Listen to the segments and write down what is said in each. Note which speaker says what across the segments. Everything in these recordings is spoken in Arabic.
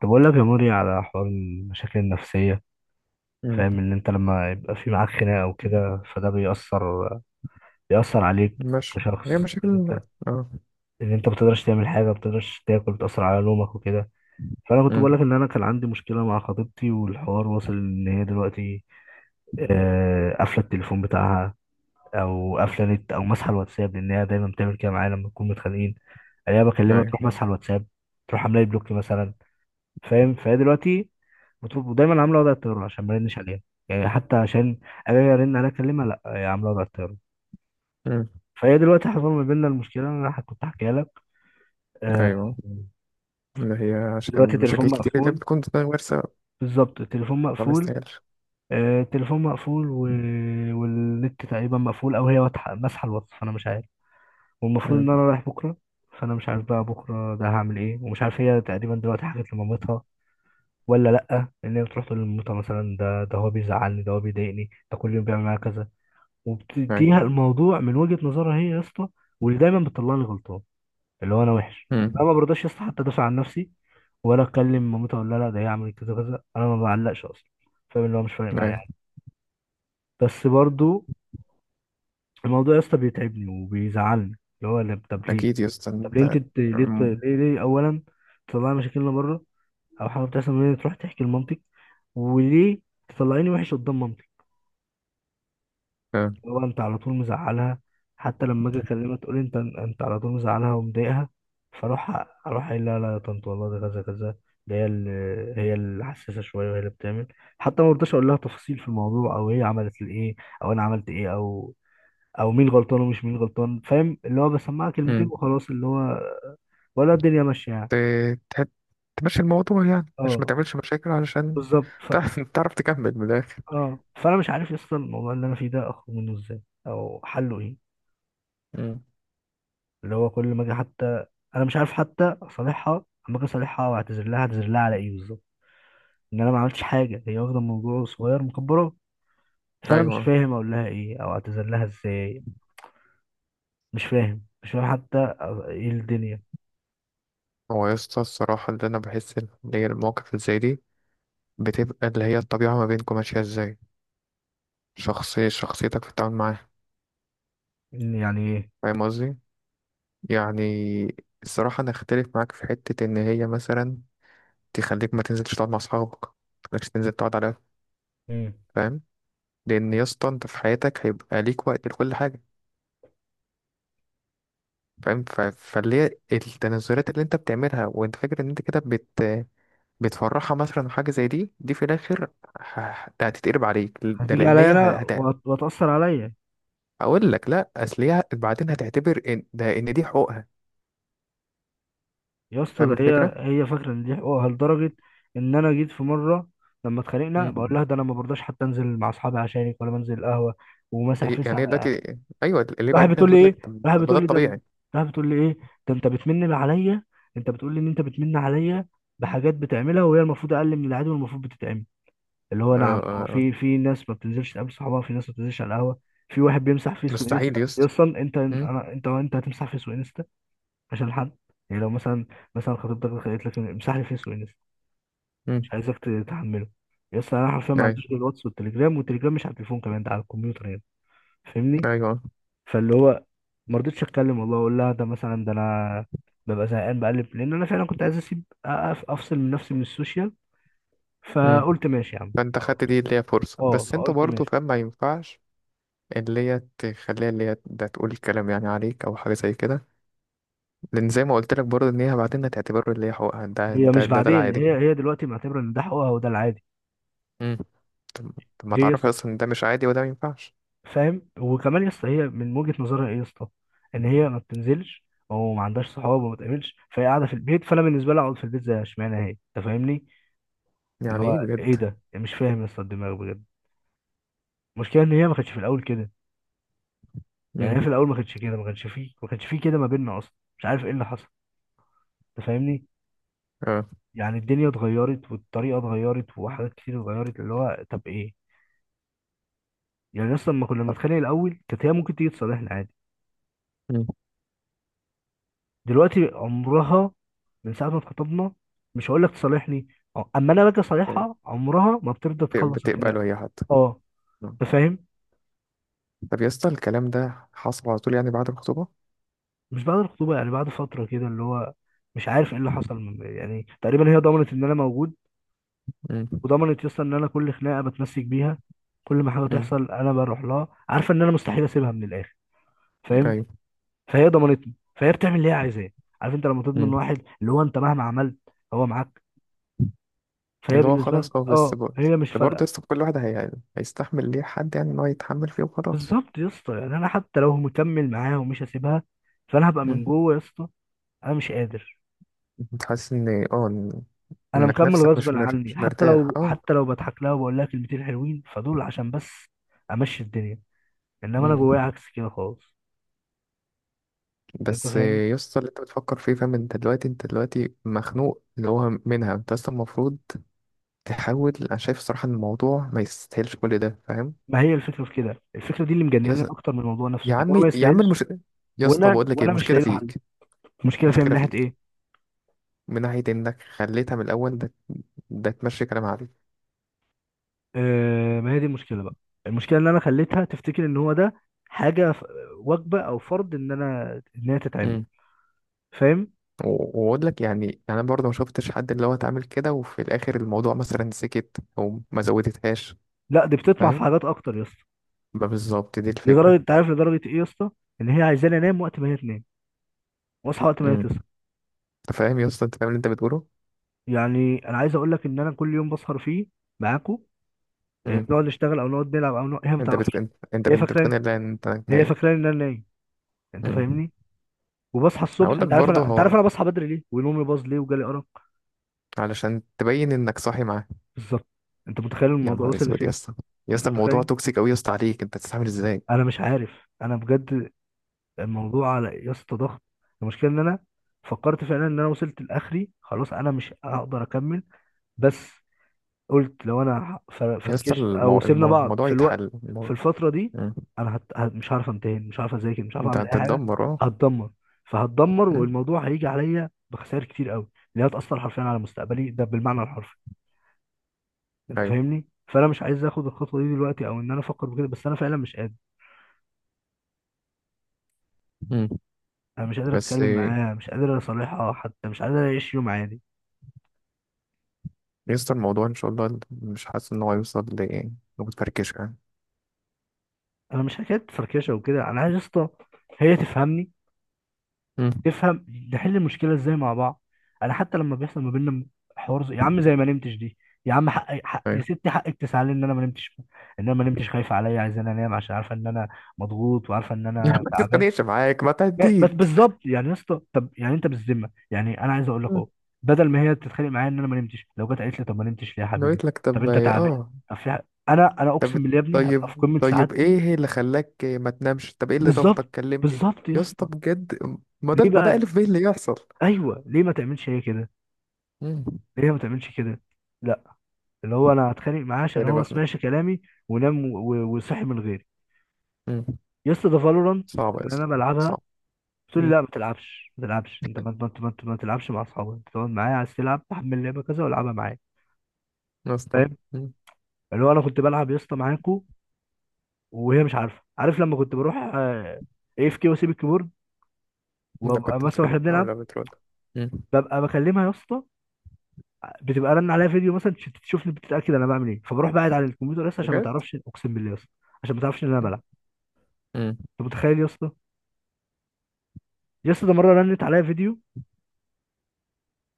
Speaker 1: طب اقول لك يا موري على حوار المشاكل النفسية.
Speaker 2: مم.
Speaker 1: فاهم ان انت لما يبقى في معاك خناقة وكده فده بيأثر عليك
Speaker 2: مش
Speaker 1: كشخص،
Speaker 2: هي
Speaker 1: ان
Speaker 2: مشاكل.
Speaker 1: انت
Speaker 2: اه.
Speaker 1: ان انت بتقدرش تعمل حاجة، بتقدرش تاكل، بتأثر على نومك وكده. فانا كنت
Speaker 2: مم.
Speaker 1: بقول لك ان انا كان عندي مشكلة مع خطيبتي، والحوار واصل ان هي دلوقتي قافلة التليفون بتاعها او قافلة نت او ماسحة الواتساب، لان هي دايما بتعمل كده معايا لما نكون متخانقين. الاقيها بكلمها
Speaker 2: ايوه.
Speaker 1: تروح ماسحة الواتساب، تروح عاملة لي بلوك مثلا. فاهم؟ فهي دلوقتي بتطلب ودايما عامله وضع الطياره عشان ما ارنش عليها، يعني حتى عشان اجي ارن عليها اكلمها، لا، هي عامله وضع الطياره.
Speaker 2: مم.
Speaker 1: فهي دلوقتي حصل ما بيننا المشكله اللي انا كنت احكيها لك. آه،
Speaker 2: ايوه، اللي هي عشان
Speaker 1: دلوقتي التليفون
Speaker 2: مشاكل كتير اللي
Speaker 1: مقفول.
Speaker 2: بتكون غير سبب
Speaker 1: بالظبط التليفون
Speaker 2: فما
Speaker 1: مقفول.
Speaker 2: يستاهلش.
Speaker 1: التليفون مقفول والنت تقريبا مقفول، او هي واضحه ماسحه الواتس، فانا مش عارف. والمفروض
Speaker 2: مم.
Speaker 1: ان انا رايح بكره. فانا مش عارف بقى بكره ده هعمل ايه، ومش عارف هي تقريبا دلوقتي حكت لمامتها ولا لأ. إن هي بتروح تقول لمامتها مثلا ده هو بيزعلني، ده هو بيضايقني، ده كل يوم بيعمل معايا كذا، وبتنهي
Speaker 2: ايوه.
Speaker 1: الموضوع من وجهة نظرها هي يا اسطى، واللي دايما بتطلعني غلطان، اللي هو أنا وحش.
Speaker 2: مم.
Speaker 1: أنا ما برضاش يا اسطى حتى أدافع عن نفسي ولا أتكلم مامتها أقول لها لا ده هي عملت كذا كذا. أنا ما بعلقش أصلا، فاهم؟ اللي هو مش فارق معايا
Speaker 2: ايوه.
Speaker 1: يعني، بس برضو الموضوع يا اسطى بيتعبني وبيزعلني. اللي هو طب ليه؟
Speaker 2: اكيد يا اسطى
Speaker 1: طب ليه
Speaker 2: انت...
Speaker 1: أنت ت- ليه ت-
Speaker 2: مم.
Speaker 1: ليه ليه أولا تطلعي مشاكلنا بره؟ أو حاجة بتحصل من هنا تروح تحكي لمامتك. وليه تطلعيني وحش قدام مامتي؟
Speaker 2: آه.
Speaker 1: هو انت على طول مزعلها؟ حتى لما اجي اكلمها تقول انت على طول مزعلها ومضايقها. فاروح قايل لها لا يا طنط والله ده كذا كذا، ده هي اللي حساسه شويه وهي اللي بتعمل. حتى ما برضاش اقول لها تفاصيل في الموضوع او هي عملت الايه او انا عملت ايه، او مين غلطان ومش مين غلطان، فاهم؟ اللي هو بسمعها كلمتين
Speaker 2: مم.
Speaker 1: وخلاص، اللي هو ولا الدنيا ماشيه يعني.
Speaker 2: ت- تحب تمشي الموضوع يعني عشان ما
Speaker 1: اه،
Speaker 2: تعملش مشاكل، علشان
Speaker 1: بالظبط.
Speaker 2: تعرف تكمل من الاخر.
Speaker 1: اه، فانا مش عارف اصلا الموضوع اللي انا فيه ده اخرج منه ازاي او حله ايه.
Speaker 2: مم.
Speaker 1: اللي هو كل ما اجي حتى، انا مش عارف حتى اصالحها. اما اجي اصالحها واعتذر لها، اعتذر لها على ايه بالظبط؟ ان انا ما عملتش حاجه، هي واخده الموضوع صغير مكبره. فانا مش
Speaker 2: ايوه.
Speaker 1: فاهم اقول لها ايه او اعتذر لها ازاي. مش فاهم حتى ايه الدنيا.
Speaker 2: هو يا اسطى الصراحه اللي انا بحس ان هي المواقف اللي زي دي بتبقى اللي هي الطبيعه ما بينكم ماشيه ازاي، شخصيتك في التعامل معاه.
Speaker 1: إن يعني ايه؟
Speaker 2: فاهم قصدي؟ يعني الصراحة أنا أختلف معاك في حتة إن هي مثلا تخليك ما تنزلش تقعد مع أصحابك، متخليكش تنزل تقعد على القهوة،
Speaker 1: مم.
Speaker 2: فاهم. لأن يا اسطى أنت في حياتك هيبقى ليك وقت لكل حاجة، فاهم فاللي هي التنازلات اللي أنت بتعملها وأنت فاكر إن أنت كده بتفرحها، مثلا حاجة زي دي في الآخر ه- هتتقلب عليك، ده
Speaker 1: هتيجي
Speaker 2: لأن
Speaker 1: عليا
Speaker 2: هي
Speaker 1: انا وهتاثر عليا.
Speaker 2: أقول لك لأ، أصل هي بعدين هتعتبر إن دي حقوقها.
Speaker 1: يا اسطى
Speaker 2: فاهم
Speaker 1: ده هي
Speaker 2: الفكرة؟
Speaker 1: هي فاكره ان دي حقوقها لدرجه ان انا جيت في مره لما اتخانقنا
Speaker 2: مم.
Speaker 1: بقول لها ده انا ما برضاش حتى انزل مع اصحابي عشانك ولا بنزل القهوه ومسح فيس.
Speaker 2: يعني هي دلوقتي... أيوه اللي
Speaker 1: راحت
Speaker 2: بعدين
Speaker 1: بتقول لي
Speaker 2: هتقول لك
Speaker 1: ايه
Speaker 2: طب
Speaker 1: راحت
Speaker 2: ما ده
Speaker 1: بتقول لي ده
Speaker 2: الطبيعي.
Speaker 1: راحت بتقول لي ايه؟ ده انت بتمن عليا. انت بتقول لي ان انت بتمن عليا بحاجات بتعملها وهي المفروض اقل من العادي والمفروض بتتعمل. اللي هو
Speaker 2: آه،
Speaker 1: نعم، هو
Speaker 2: آه،
Speaker 1: في ناس ما بتنزلش تقابل صحابها، في ناس ما بتنزلش على القهوه، في واحد بيمسح فيس
Speaker 2: مستحيل
Speaker 1: وانستا، إيه
Speaker 2: يسطا.
Speaker 1: اصلا؟ انت
Speaker 2: مم،
Speaker 1: انا انت انت هتمسح فيس وانستا عشان حد؟ يعني لو مثلا خطيبتك قالت لك امسح لي فيس وانستا، مش
Speaker 2: مم،
Speaker 1: عايزك تتحمله. يس، انا حرفيا ما
Speaker 2: ايوه،
Speaker 1: عنديش غير الواتس والتليجرام، والتليجرام مش على التليفون كمان، ده على الكمبيوتر يعني، فاهمني؟
Speaker 2: ايوه،
Speaker 1: فاللي هو ما رضيتش اتكلم والله، اقول لها ده مثلا ده انا ببقى زهقان بقلب، لان انا فعلا كنت عايز اسيب افصل من نفسي من السوشيال،
Speaker 2: مم.
Speaker 1: فقلت ماشي يا عم
Speaker 2: فانت
Speaker 1: خلاص.
Speaker 2: خدت دي اللي هي فرصة،
Speaker 1: اه
Speaker 2: بس انت
Speaker 1: فقلت
Speaker 2: برضه
Speaker 1: ماشي
Speaker 2: فاهم ما ينفعش اللي هي تخليها اللي هي ده تقول كلام يعني عليك او حاجة زي كده. لان زي ما قلت لك برضه ان هي بعدين هتعتبره اللي هي حقوقها،
Speaker 1: هي مش
Speaker 2: ده
Speaker 1: بعدين،
Speaker 2: العادي.
Speaker 1: هي دلوقتي معتبره ان ده حقوقها وده العادي.
Speaker 2: مم. طب طب ما
Speaker 1: ليه يا
Speaker 2: تعرفي
Speaker 1: اسطى؟
Speaker 2: اصلا إن ده مش عادي وده ما ينفعش.
Speaker 1: فاهم؟ وكمان يا اسطى، هي من وجهه نظرها ايه يا اسطى؟ ان هي ما بتنزلش او ما عندهاش صحاب وما بتقابلش، فهي قاعده في البيت، فانا بالنسبه لي اقعد في البيت زي، اشمعنى هي؟ انت فاهمني؟ اللي
Speaker 2: يعني
Speaker 1: هو
Speaker 2: ايه
Speaker 1: ايه
Speaker 2: بجد؟
Speaker 1: ده؟ مش فاهم يا اسطى الدماغ بجد. المشكله ان هي ما كانتش في الاول كده. يعني
Speaker 2: مم.
Speaker 1: هي في الاول ما كانتش كده، ما كانش فيه كده ما بيننا اصلا. مش عارف ايه اللي حصل، انت فاهمني؟
Speaker 2: اه.
Speaker 1: يعني الدنيا اتغيرت والطريقه اتغيرت وحاجات كتير اتغيرت، اللي هو طب ايه؟ يعني اصلا لما كنا بنتخانق الاول كانت هي ممكن تيجي تصالحنا عادي،
Speaker 2: مم.
Speaker 1: دلوقتي عمرها، من ساعه ما اتخطبنا مش هقول لك تصالحني، اما انا باجي
Speaker 2: بت-
Speaker 1: اصالحها عمرها ما بترضى تخلص الخناقه.
Speaker 2: بتقبله هي حتى؟
Speaker 1: اه،
Speaker 2: مم.
Speaker 1: انت فاهم.
Speaker 2: طب يا اسطى الكلام ده حصل على طول يعني بعد الخطوبة؟
Speaker 1: مش بعد الخطوبه، يعني بعد فتره كده، اللي هو مش عارف ايه اللي حصل. يعني تقريبا هي ضمنت ان انا موجود،
Speaker 2: مم.
Speaker 1: وضمنت يسطا ان انا كل خناقه بتمسك بيها، كل ما حاجه
Speaker 2: مم.
Speaker 1: تحصل انا بروح لها عارفه ان انا مستحيل اسيبها من الاخر، فاهم؟
Speaker 2: ايوه.
Speaker 1: فهي ضمنتني، فهي بتعمل اللي هي عايزاه. عارف انت لما تضمن
Speaker 2: مم.
Speaker 1: واحد، اللي هو انت مهما عملت هو معاك، فهي
Speaker 2: اللي هو
Speaker 1: بالنسبه لك
Speaker 2: خلاص اه، بس برضه،
Speaker 1: هي مش
Speaker 2: برضه
Speaker 1: فارقه.
Speaker 2: يسطا كل واحد هيستحمل ليه حد يعني ان هو يتحمل فيه وخلاص.
Speaker 1: بالظبط يا اسطى، يعني انا حتى لو مكمل معاها ومش هسيبها، فانا هبقى
Speaker 2: مم.
Speaker 1: من جوه يا اسطى. انا مش قادر،
Speaker 2: انت حاسس ان اه
Speaker 1: انا
Speaker 2: انك
Speaker 1: مكمل
Speaker 2: نفسك
Speaker 1: غصبا عني.
Speaker 2: مش
Speaker 1: حتى
Speaker 2: مرتاح،
Speaker 1: لو
Speaker 2: اه.
Speaker 1: حتى لو بضحك لها وبقول لها كلمتين حلوين، فدول عشان بس امشي الدنيا، انما انا
Speaker 2: مم.
Speaker 1: جوايا عكس كده خالص، انت
Speaker 2: بس
Speaker 1: فاهم؟
Speaker 2: يسطا اللي انت بتفكر فيه، فاهم، انت دلوقتي انت دلوقتي مخنوق اللي هو منها، انت اصلا المفروض تحاول. انا شايف الصراحة ان الموضوع ما يستاهلش كل ده، فاهم.
Speaker 1: ما هي الفكره في كده، الفكره دي اللي
Speaker 2: يا
Speaker 1: مجنناني
Speaker 2: ز-
Speaker 1: اكتر من الموضوع نفسه،
Speaker 2: يا
Speaker 1: ان هو
Speaker 2: عمي
Speaker 1: ما
Speaker 2: يا عم
Speaker 1: يستاهلش،
Speaker 2: يا اسطى
Speaker 1: وانا
Speaker 2: بقول لك ايه،
Speaker 1: وانا مش
Speaker 2: المشكلة
Speaker 1: لاقي له حل.
Speaker 2: فيك،
Speaker 1: المشكله فيها من
Speaker 2: المشكلة
Speaker 1: ناحيه
Speaker 2: فيك
Speaker 1: ايه؟
Speaker 2: من ناحية انك خليتها من الاول ده تمشي كلام عليك.
Speaker 1: آه، ما هي دي المشكله بقى. المشكله ان انا خليتها تفتكر ان هو ده حاجه، وجبه او فرض ان انا ان هي تتعمل، فاهم؟
Speaker 2: واقول لك يعني انا برضه ما شفتش حد اللي هو اتعامل كده وفي الاخر الموضوع مثلا سكت او ما زودتهاش.
Speaker 1: لا، دي بتطمع في
Speaker 2: فاهم،
Speaker 1: حاجات اكتر يا اسطى.
Speaker 2: ما بالظبط دي
Speaker 1: لدرجه،
Speaker 2: الفكره.
Speaker 1: انت عارف لدرجه ايه يا اسطى؟ ان هي عايزاني انام وقت ما هي تنام، واصحى وقت ما هي
Speaker 2: امم.
Speaker 1: تصحى.
Speaker 2: انت فاهم يا اسطى، انت فاهم اللي انت بتقوله؟
Speaker 1: يعني انا عايز اقول لك ان انا كل يوم بسهر فيه معاكم،
Speaker 2: امم.
Speaker 1: بنقعد نشتغل او نقعد نلعب او هي ما
Speaker 2: انت
Speaker 1: تعرفش.
Speaker 2: بتكون، انت
Speaker 1: هي
Speaker 2: انت
Speaker 1: فاكره
Speaker 2: بتكون، لا انت
Speaker 1: هي
Speaker 2: نايم.
Speaker 1: فاكره ان انا نايم، انت
Speaker 2: امم.
Speaker 1: فاهمني؟ وبصحى الصبح،
Speaker 2: اقول لك
Speaker 1: انت عارف
Speaker 2: برضه
Speaker 1: انا انت عارف
Speaker 2: هو
Speaker 1: انا بصحى بدري ليه ونومي باظ ليه وجالي ارق.
Speaker 2: علشان تبين انك صاحي معاه.
Speaker 1: بالظبط. انت متخيل
Speaker 2: يا
Speaker 1: الموضوع
Speaker 2: نهار
Speaker 1: وصل
Speaker 2: اسود يا
Speaker 1: لفين؟
Speaker 2: اسطى، يا
Speaker 1: انت
Speaker 2: اسطى الموضوع
Speaker 1: متخيل؟
Speaker 2: توكسيك قوي يا اسطى، عليك انت تستعمل ازاي.
Speaker 1: انا مش عارف انا بجد، الموضوع على يا اسطى ضغط. المشكله ان انا فكرت فعلا ان انا وصلت لاخري، خلاص انا مش هقدر اكمل. بس قلت لو انا
Speaker 2: يا اسطى
Speaker 1: فركشت او سيبنا بعض
Speaker 2: الموضوع
Speaker 1: في الوقت،
Speaker 2: يتحل
Speaker 1: في
Speaker 2: الموضوع.
Speaker 1: الفتره دي
Speaker 2: امم.
Speaker 1: انا مش عارف امتحن، مش عارف اذاكر، مش عارف
Speaker 2: انت
Speaker 1: اعمل اي حاجه.
Speaker 2: هتتدمر، اه.
Speaker 1: هتدمر فهتدمر
Speaker 2: امم.
Speaker 1: والموضوع هيجي عليا بخسائر كتير قوي اللي هتأثر حرفيا على مستقبلي، ده بالمعنى الحرفي. انت
Speaker 2: ايوه.
Speaker 1: فاهمني؟ فانا مش عايز اخد الخطوه دي دلوقتي او ان انا افكر بكده، بس انا فعلا مش قادر.
Speaker 2: امم.
Speaker 1: انا مش قادر
Speaker 2: بس
Speaker 1: اتكلم معاها، مش قادر اصالحها حتى، مش قادر اعيش يوم عادي.
Speaker 2: يسطا الموضوع ان شاء الله مش حاسس ان هو يوصل لمتفركش يعني.
Speaker 1: انا مش حكايه فركشه وكده، انا عايز يا اسطى هي تفهمني،
Speaker 2: مم.
Speaker 1: تفهم نحل المشكله ازاي مع بعض. انا حتى لما بيحصل ما بيننا حوار، يا عم زي ما نمتش دي، يا عم حق يا
Speaker 2: ايوه.
Speaker 1: ستي، حقك تزعلي ان انا ما نمتش، ان انا ما نمتش خايفه عليا، عايزاني انام عشان عارفه ان انا مضغوط وعارفه ان
Speaker 2: يا عم
Speaker 1: انا
Speaker 2: ما
Speaker 1: تعبان.
Speaker 2: تتخانقش معاك، ما
Speaker 1: لا، بس
Speaker 2: تهديك.
Speaker 1: بالظبط يعني يا اسطى، طب يعني انت بالذمه يعني، انا عايز اقول لك
Speaker 2: مم.
Speaker 1: اهو، بدل ما هي تتخانق معايا ان انا ما نمتش، لو جت قالت لي طب ما نمتش ليه يا
Speaker 2: أنا
Speaker 1: حبيبي؟
Speaker 2: قلت لك
Speaker 1: طب
Speaker 2: طب
Speaker 1: انت تعبان؟
Speaker 2: اه،
Speaker 1: طب في حاجة- انا
Speaker 2: طب،
Speaker 1: اقسم بالله يا ابني هبقى في
Speaker 2: طيب
Speaker 1: قمه
Speaker 2: طيب
Speaker 1: سعادتي.
Speaker 2: ايه اللي خلاك ما تنامش، طب ايه اللي
Speaker 1: بالظبط،
Speaker 2: ضغطك، كلمني.
Speaker 1: بالظبط يا
Speaker 2: يا اسطى
Speaker 1: اسطى.
Speaker 2: بجد، ما
Speaker 1: ليه
Speaker 2: ده ما ده
Speaker 1: بقى؟
Speaker 2: الف بيه اللي يحصل.
Speaker 1: ايوه، ليه ما تعملش هي كده؟
Speaker 2: مم.
Speaker 1: ليه ما تعملش كده؟ لا، اللي هو انا هتخانق معاه عشان
Speaker 2: يعني
Speaker 1: هو ما
Speaker 2: بخنق.
Speaker 1: سمعش كلامي ونام وصحي من غيري.
Speaker 2: مم.
Speaker 1: يا اسطى ده فالورانت
Speaker 2: صعب يا
Speaker 1: اللي
Speaker 2: اسطى،
Speaker 1: انا بلعبها،
Speaker 2: صعب.
Speaker 1: تقول لي
Speaker 2: مم.
Speaker 1: لا ما تلعبش، ما تلعبش انت، ما تلعبش مع اصحابك، انت تقعد معايا، عايز تلعب تحمل لعبه كذا والعبها معايا.
Speaker 2: يا اسطى.
Speaker 1: فاهم؟
Speaker 2: مم.
Speaker 1: اللي هو انا كنت بلعب يا اسطى معاكو وهي مش عارفه. عارف لما كنت بروح AFK واسيب الكيبورد،
Speaker 2: انا
Speaker 1: وابقى
Speaker 2: كنت
Speaker 1: مثلا
Speaker 2: بتكلم
Speaker 1: واحنا بنلعب
Speaker 2: ولا بترد؟ مم.
Speaker 1: ببقى بكلمها يا اسطى، بتبقى رن عليا فيديو مثلا تشوفني بتتاكد انا بعمل ايه، فبروح بعد على الكمبيوتر لسه عشان ما
Speaker 2: بجد.
Speaker 1: تعرفش، اقسم بالله يا اسطى، عشان ما تعرفش ان انا بلعب.
Speaker 2: مم.
Speaker 1: انت متخيل يا اسطى؟ يا اسطى ده مره رنت عليا فيديو،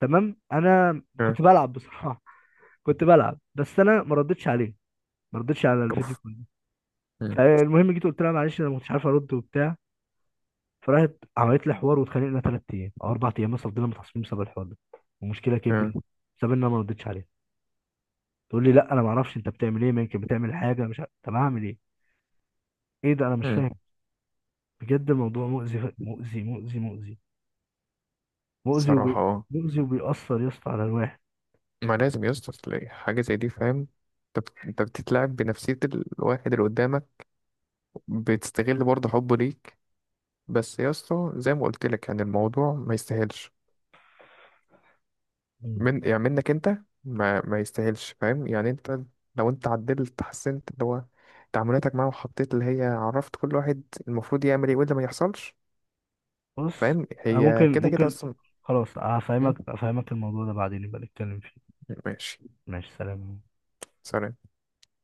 Speaker 1: تمام انا
Speaker 2: آه،
Speaker 1: كنت بلعب بصراحه. كنت بلعب بس انا ما ردتش عليه، ما ردتش على الفيديو
Speaker 2: اوف.
Speaker 1: كله.
Speaker 2: مم.
Speaker 1: فالمهم جيت قلت لها معلش انا ما كنتش عارف ارد وبتاع، فراحت عملت لي حوار واتخانقنا 3 ايام او 4 ايام مثلا، فضلنا متعصبين بسبب الحوار ده، المشكله
Speaker 2: آه،
Speaker 1: كبرت بسبب ان انا ما ردتش عليها. تقول لي لا انا ما اعرفش انت بتعمل ايه، ما يمكن بتعمل حاجه، مش عارف، طب اعمل ايه؟ ايه ده؟ انا مش
Speaker 2: مم.
Speaker 1: فاهم. بجد الموضوع مؤذي مؤذي مؤذي مؤذي مؤذي
Speaker 2: صراحة اه.
Speaker 1: مؤذي وبيأثر يا اسطى على الواحد.
Speaker 2: ما لازم يا اسطى تلاقي حاجة زي دي، فاهم، انت بتتلاعب بنفسية الواحد اللي قدامك، بتستغل برضه حبه ليك. بس يا اسطى زي ما قلت لك يعني الموضوع ما يستاهلش،
Speaker 1: مم.
Speaker 2: من يعني منك انت، ما يستاهلش. فاهم يعني انت لو انت عدلت، حسنت اللي هو تعاملاتك معاه، وحطيت اللي هي عرفت كل واحد المفروض يعمل ايه واللي ما يحصلش.
Speaker 1: بص،
Speaker 2: فاهم،
Speaker 1: انا
Speaker 2: هي
Speaker 1: ممكن
Speaker 2: كده كده
Speaker 1: ممكن
Speaker 2: اصلا.
Speaker 1: خلاص،
Speaker 2: م?
Speaker 1: هفهمك الموضوع ده بعدين يبقى نتكلم فيه.
Speaker 2: ماشي.
Speaker 1: ماشي، سلام.
Speaker 2: سلام.